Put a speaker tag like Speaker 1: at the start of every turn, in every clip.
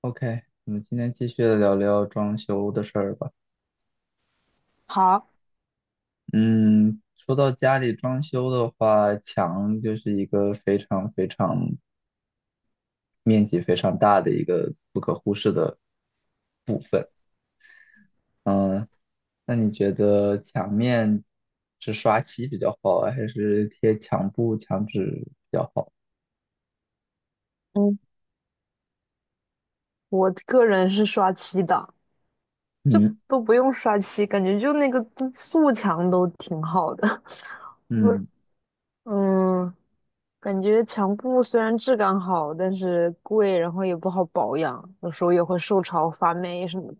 Speaker 1: OK,我们今天继续聊聊装修的事儿吧。
Speaker 2: 好，
Speaker 1: 嗯，说到家里装修的话，墙就是一个非常面积非常大的一个不可忽视的。嗯，那你觉得墙面是刷漆比较好啊，还是贴墙布、墙纸？
Speaker 2: 嗯，我个人是刷漆的，就
Speaker 1: 嗯
Speaker 2: 都不用刷漆，感觉就那个素墙都挺好的。不是，
Speaker 1: 嗯
Speaker 2: 嗯，感觉墙布虽然质感好，但是贵，然后也不好保养，有时候也会受潮发霉什么的。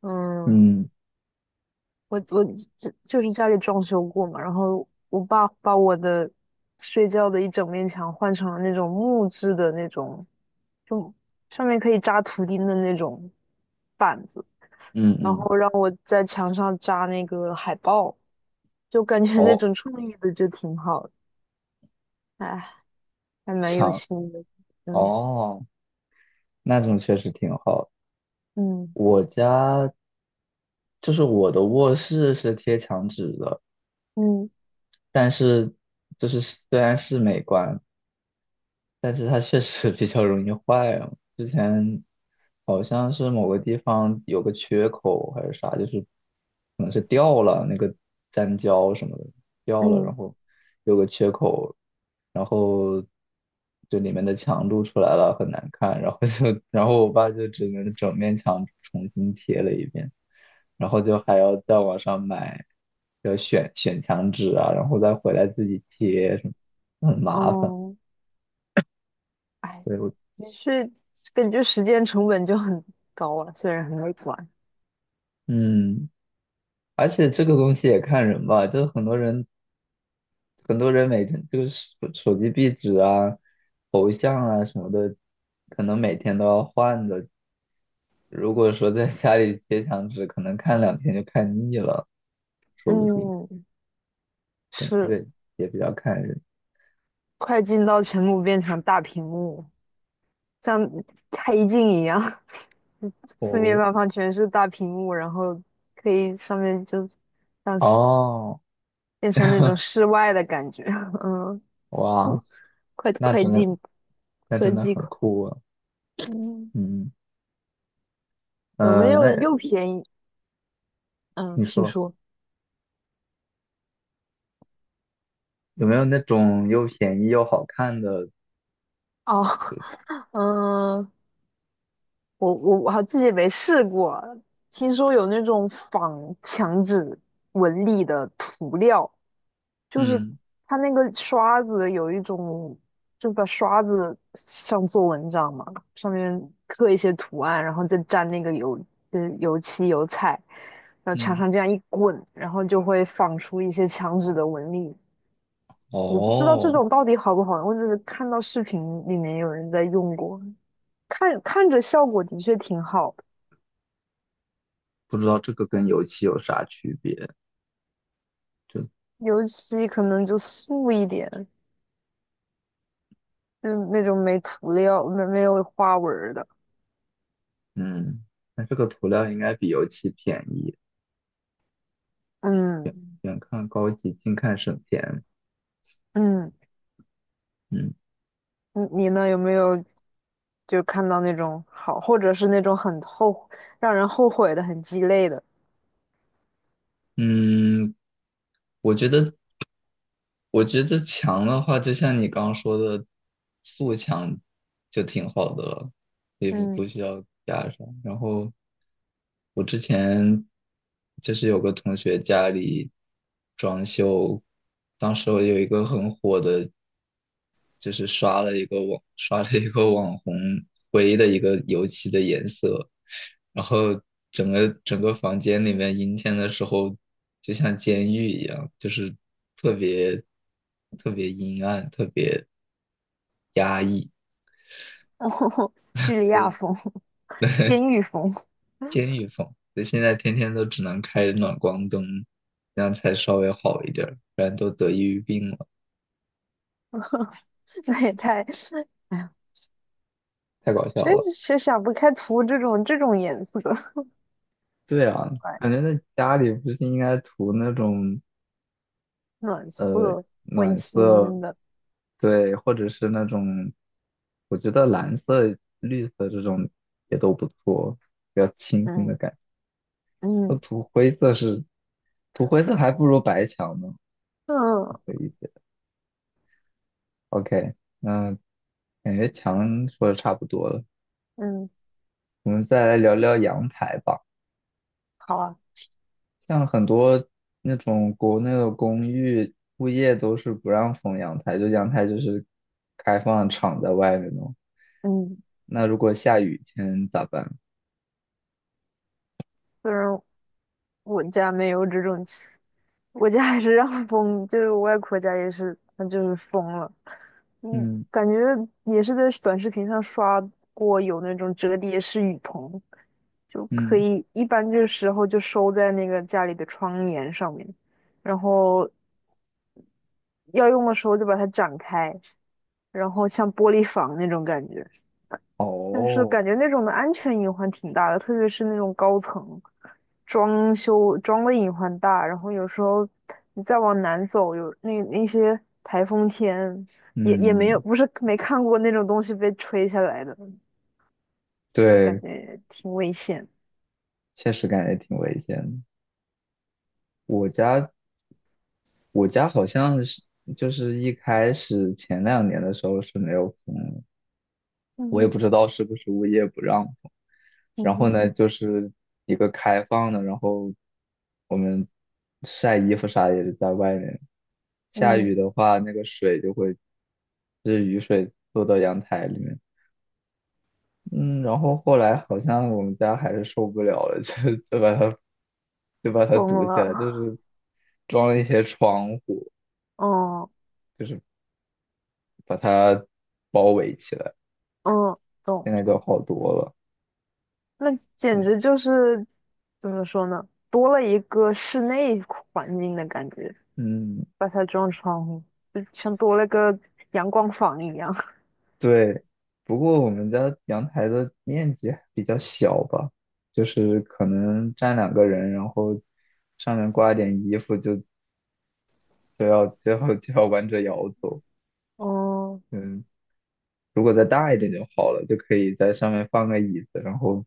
Speaker 2: 嗯，
Speaker 1: 嗯
Speaker 2: 我就是家里装修过嘛，然后我爸把我的睡觉的一整面墙换成了那种木质的那种，就上面可以扎图钉的那种板子。
Speaker 1: 嗯
Speaker 2: 然
Speaker 1: 嗯，
Speaker 2: 后让我在墙上扎那个海报，就感觉那
Speaker 1: 哦，
Speaker 2: 种创意的就挺好的，哎，还蛮有
Speaker 1: 墙
Speaker 2: 心的，嗯
Speaker 1: 哦，那种确实挺好。我家就是我的卧室是贴墙纸的，
Speaker 2: 嗯嗯
Speaker 1: 但是就是虽然是美观，但是它确实 比较容易坏啊。之前好像是某个地方有个缺口还是啥，就是可能是掉了那个粘胶什么的掉了，然
Speaker 2: 嗯
Speaker 1: 后有个缺口，然后就里面的墙露出来了，很难看。然后就 然后我爸就只能整面墙重新贴了一遍，然后就还要在网上买，要选选墙纸啊，然后再回来自己贴什么，很麻烦。
Speaker 2: 哦，哎，
Speaker 1: 所以我。
Speaker 2: 的确感觉时间成本就很高了，虽然很美观，
Speaker 1: 嗯，而且这个东西也看人吧，就是很多人，很多人每天就是手机壁纸啊、头像啊什么的，可能每天都要换的。如果说在家里贴墙纸，可能看两天就看腻了，说不定。
Speaker 2: 嗯，
Speaker 1: 对，这
Speaker 2: 是
Speaker 1: 个也比较看人。
Speaker 2: 快进到全部变成大屏幕，像开镜一样，四面
Speaker 1: 哦，
Speaker 2: 八方全是大屏幕，然后可以上面就像是
Speaker 1: 哦，
Speaker 2: 变成那种室外的感觉，嗯。
Speaker 1: 哇，
Speaker 2: 快
Speaker 1: 那
Speaker 2: 快
Speaker 1: 真的，
Speaker 2: 进
Speaker 1: 那
Speaker 2: 科
Speaker 1: 真的
Speaker 2: 技
Speaker 1: 很
Speaker 2: 款，
Speaker 1: 酷啊。
Speaker 2: 嗯，
Speaker 1: 嗯，
Speaker 2: 有没
Speaker 1: 嗯，那
Speaker 2: 有又便宜？嗯，
Speaker 1: 你
Speaker 2: 请
Speaker 1: 说
Speaker 2: 说。
Speaker 1: 有没有那种又便宜又好看的？
Speaker 2: 哦，嗯，我还自己没试过，听说有那种仿墙纸纹理的涂料，就是
Speaker 1: 嗯
Speaker 2: 它那个刷子有一种，就把刷子上做文章嘛，上面刻一些图案，然后再沾那个油，油漆油彩，然后墙
Speaker 1: 嗯，
Speaker 2: 上这样一滚，然后就会仿出一些墙纸的纹理。我不知道这
Speaker 1: 哦，
Speaker 2: 种到底好不好用，我只是看到视频里面有人在用过，看看着效果的确挺好的，
Speaker 1: 不知道这个跟油漆有啥区别。就
Speaker 2: 尤其可能就素一点，就是那种没涂料、没有花纹儿的。
Speaker 1: 嗯，那这个涂料应该比油漆便宜，
Speaker 2: 嗯
Speaker 1: 远看高级，近看省钱。
Speaker 2: 嗯，
Speaker 1: 嗯
Speaker 2: 你呢？有没有就看到那种好，或者是那种很后让人后悔的、很鸡肋的？
Speaker 1: 嗯，我觉得我觉得墙的话，就像你刚刚说的，素墙就挺好的了，也不
Speaker 2: 嗯，
Speaker 1: 不需要加上。然后我之前就是有个同学家里装修，当时有一个很火的。就是刷了一个网红灰的一个油漆的颜色，然后整个房间里面阴天的时候就像监狱一样，就是特别特别阴暗，特别
Speaker 2: 叙利亚风、监狱风，
Speaker 1: 监狱风。所以现在天天都只能开暖光灯，这样才稍微好一点儿，不然都得抑郁病了，
Speaker 2: 那也太……哎呀，
Speaker 1: 太搞笑
Speaker 2: 真
Speaker 1: 了。
Speaker 2: 是想不开涂这种颜色。
Speaker 1: 对啊，感觉在家里不是应该涂那种。
Speaker 2: 暖色温
Speaker 1: 暖色，
Speaker 2: 馨的，
Speaker 1: 对，或者是那种，我觉得蓝色、绿色这种也都不错，比较清新的
Speaker 2: 嗯
Speaker 1: 感觉。那
Speaker 2: 嗯
Speaker 1: 土灰色是，涂灰色还不如白墙呢。
Speaker 2: 嗯
Speaker 1: 可以 OK,那感觉墙说的差不多了，
Speaker 2: 嗯，
Speaker 1: 我们再来聊聊阳台吧。
Speaker 2: 好啊，
Speaker 1: 像很多那种国内的公寓物业都是不让封阳台，就阳台就是开放敞在外面的。
Speaker 2: 嗯，
Speaker 1: 那如果下雨天咋办？
Speaker 2: 虽然我家没有这种情我家还是让封，就是我外婆家也是，那就是封了，嗯，
Speaker 1: 嗯
Speaker 2: 感觉也是在短视频上刷过有那种折叠式雨棚，就可
Speaker 1: 嗯
Speaker 2: 以一般这时候就收在那个家里的窗帘上面，然后要用的时候就把它展开，然后像玻璃房那种感觉。但是
Speaker 1: 哦，
Speaker 2: 感觉那种的安全隐患挺大的，特别是那种高层装修装的隐患大，然后有时候你再往南走，有那些台风天也没有，
Speaker 1: 嗯，
Speaker 2: 不是没看过那种东西被吹下来的，感
Speaker 1: 对，
Speaker 2: 觉挺危险。
Speaker 1: 确实感觉挺危险的。我家我家好像是就是一开始前两年的时候是没有封的，我也不
Speaker 2: 嗯
Speaker 1: 知道是不是物业不让封。
Speaker 2: 嗯
Speaker 1: 然后
Speaker 2: 哼
Speaker 1: 呢，就是一个开放的，然后我们晒衣服啥也是在外面。下
Speaker 2: 嗯，
Speaker 1: 雨的话，那个水就会，就是雨水落到阳台里面。嗯，然后后来好像我们家还是受不了了，就就把它就把它
Speaker 2: 疯
Speaker 1: 堵起来，就
Speaker 2: 了，
Speaker 1: 是装了一些窗户，
Speaker 2: 嗯
Speaker 1: 就是把它包围起来。
Speaker 2: 嗯，
Speaker 1: 现
Speaker 2: 懂。
Speaker 1: 在就好多了。
Speaker 2: 那简
Speaker 1: 对，
Speaker 2: 直就是怎么说呢，多了一个室内环境的感觉。
Speaker 1: 嗯，
Speaker 2: 把它装窗户，就像多了个阳光房一样。
Speaker 1: 对，不过我们家阳台的面积还比较小吧，就是可能站两个人，然后上面挂一点衣服就，就要弯着腰走。
Speaker 2: 哦
Speaker 1: 嗯，如果再大一点就好了，就可以在上面放个椅子，然后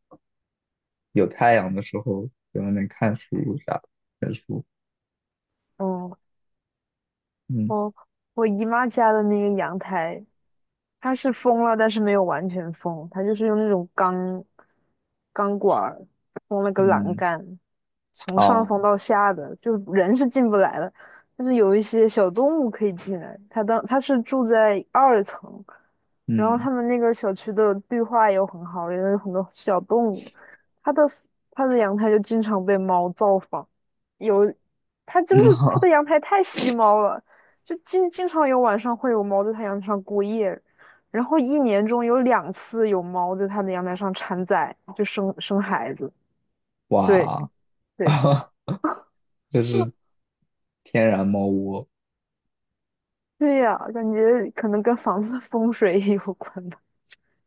Speaker 1: 有太阳的时候在外面看书啥，的。看书。
Speaker 2: 哦，
Speaker 1: 嗯
Speaker 2: 我我姨妈家的那个阳台，它是封了，但是没有完全封，它就是用那种钢管儿封了个栏
Speaker 1: 嗯
Speaker 2: 杆，从上
Speaker 1: 哦
Speaker 2: 缝到下的，就人是进不来的，但是有一些小动物可以进来。它当它是住在二层，然后
Speaker 1: 嗯
Speaker 2: 他们那个小区的绿化又很好，也有很多小动物。它的它的阳台就经常被猫造访，有它真
Speaker 1: 嗯
Speaker 2: 的它的阳台太吸猫了，就经常有晚上会有猫在它阳台上过夜。然后一年中有两次有猫在它的阳台上产崽，就生孩子。对
Speaker 1: 哇，
Speaker 2: 对。
Speaker 1: 这是天然猫窝，
Speaker 2: 对呀，感觉可能跟房子风水也有关吧。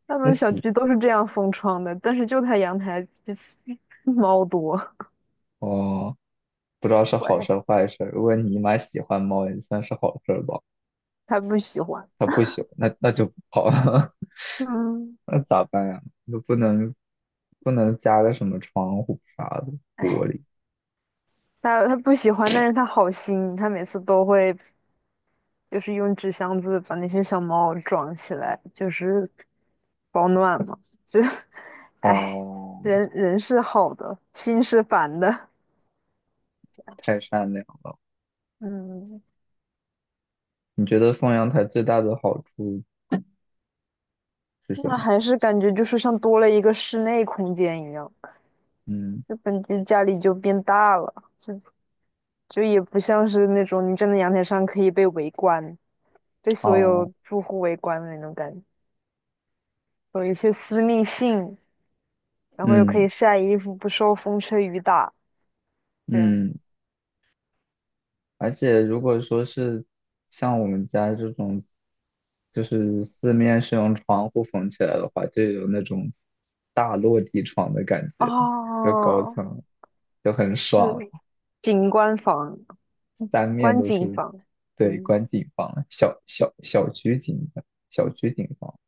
Speaker 2: 他
Speaker 1: 那
Speaker 2: 们小
Speaker 1: 洗
Speaker 2: 区都是这样封窗的，但是就他阳台 猫多，
Speaker 1: 哦。不知道是好
Speaker 2: 喂，
Speaker 1: 事儿坏事儿，如果你妈喜欢猫，也算是好事儿吧。
Speaker 2: 他不喜欢。
Speaker 1: 她不喜欢，那就不好了，
Speaker 2: 嗯，
Speaker 1: 那咋办呀？就不能加个什么窗户啥的
Speaker 2: 哎，
Speaker 1: 玻璃
Speaker 2: 他不喜欢，但是他好心，他每次都会就是用纸箱子把那些小猫装起来，就是保暖嘛。就，哎，
Speaker 1: 哦，
Speaker 2: 人人是好的，心是烦的。
Speaker 1: 太善良。
Speaker 2: 嗯，
Speaker 1: 你觉得放阳台最大的好处是什
Speaker 2: 那
Speaker 1: 么？
Speaker 2: 还是感觉就是像多了一个室内空间一样。
Speaker 1: 嗯，
Speaker 2: 这本就感觉家里就变大了，就就也不像是那种你站在阳台上可以被围观，被所
Speaker 1: 哦，
Speaker 2: 有住户围观的那种感觉，有一些私密性，然后又可
Speaker 1: 嗯
Speaker 2: 以晒衣服，不受风吹雨打，这样。
Speaker 1: 嗯。而且如果说是像我们家这种，就是四面是用窗户缝起来的话，就有那种大落地窗的感觉，就高
Speaker 2: 哦，
Speaker 1: 层就很
Speaker 2: 是
Speaker 1: 爽，
Speaker 2: 景观房、
Speaker 1: 三面
Speaker 2: 观
Speaker 1: 都
Speaker 2: 景
Speaker 1: 是
Speaker 2: 房，
Speaker 1: 对
Speaker 2: 嗯。
Speaker 1: 观景房，小区景房。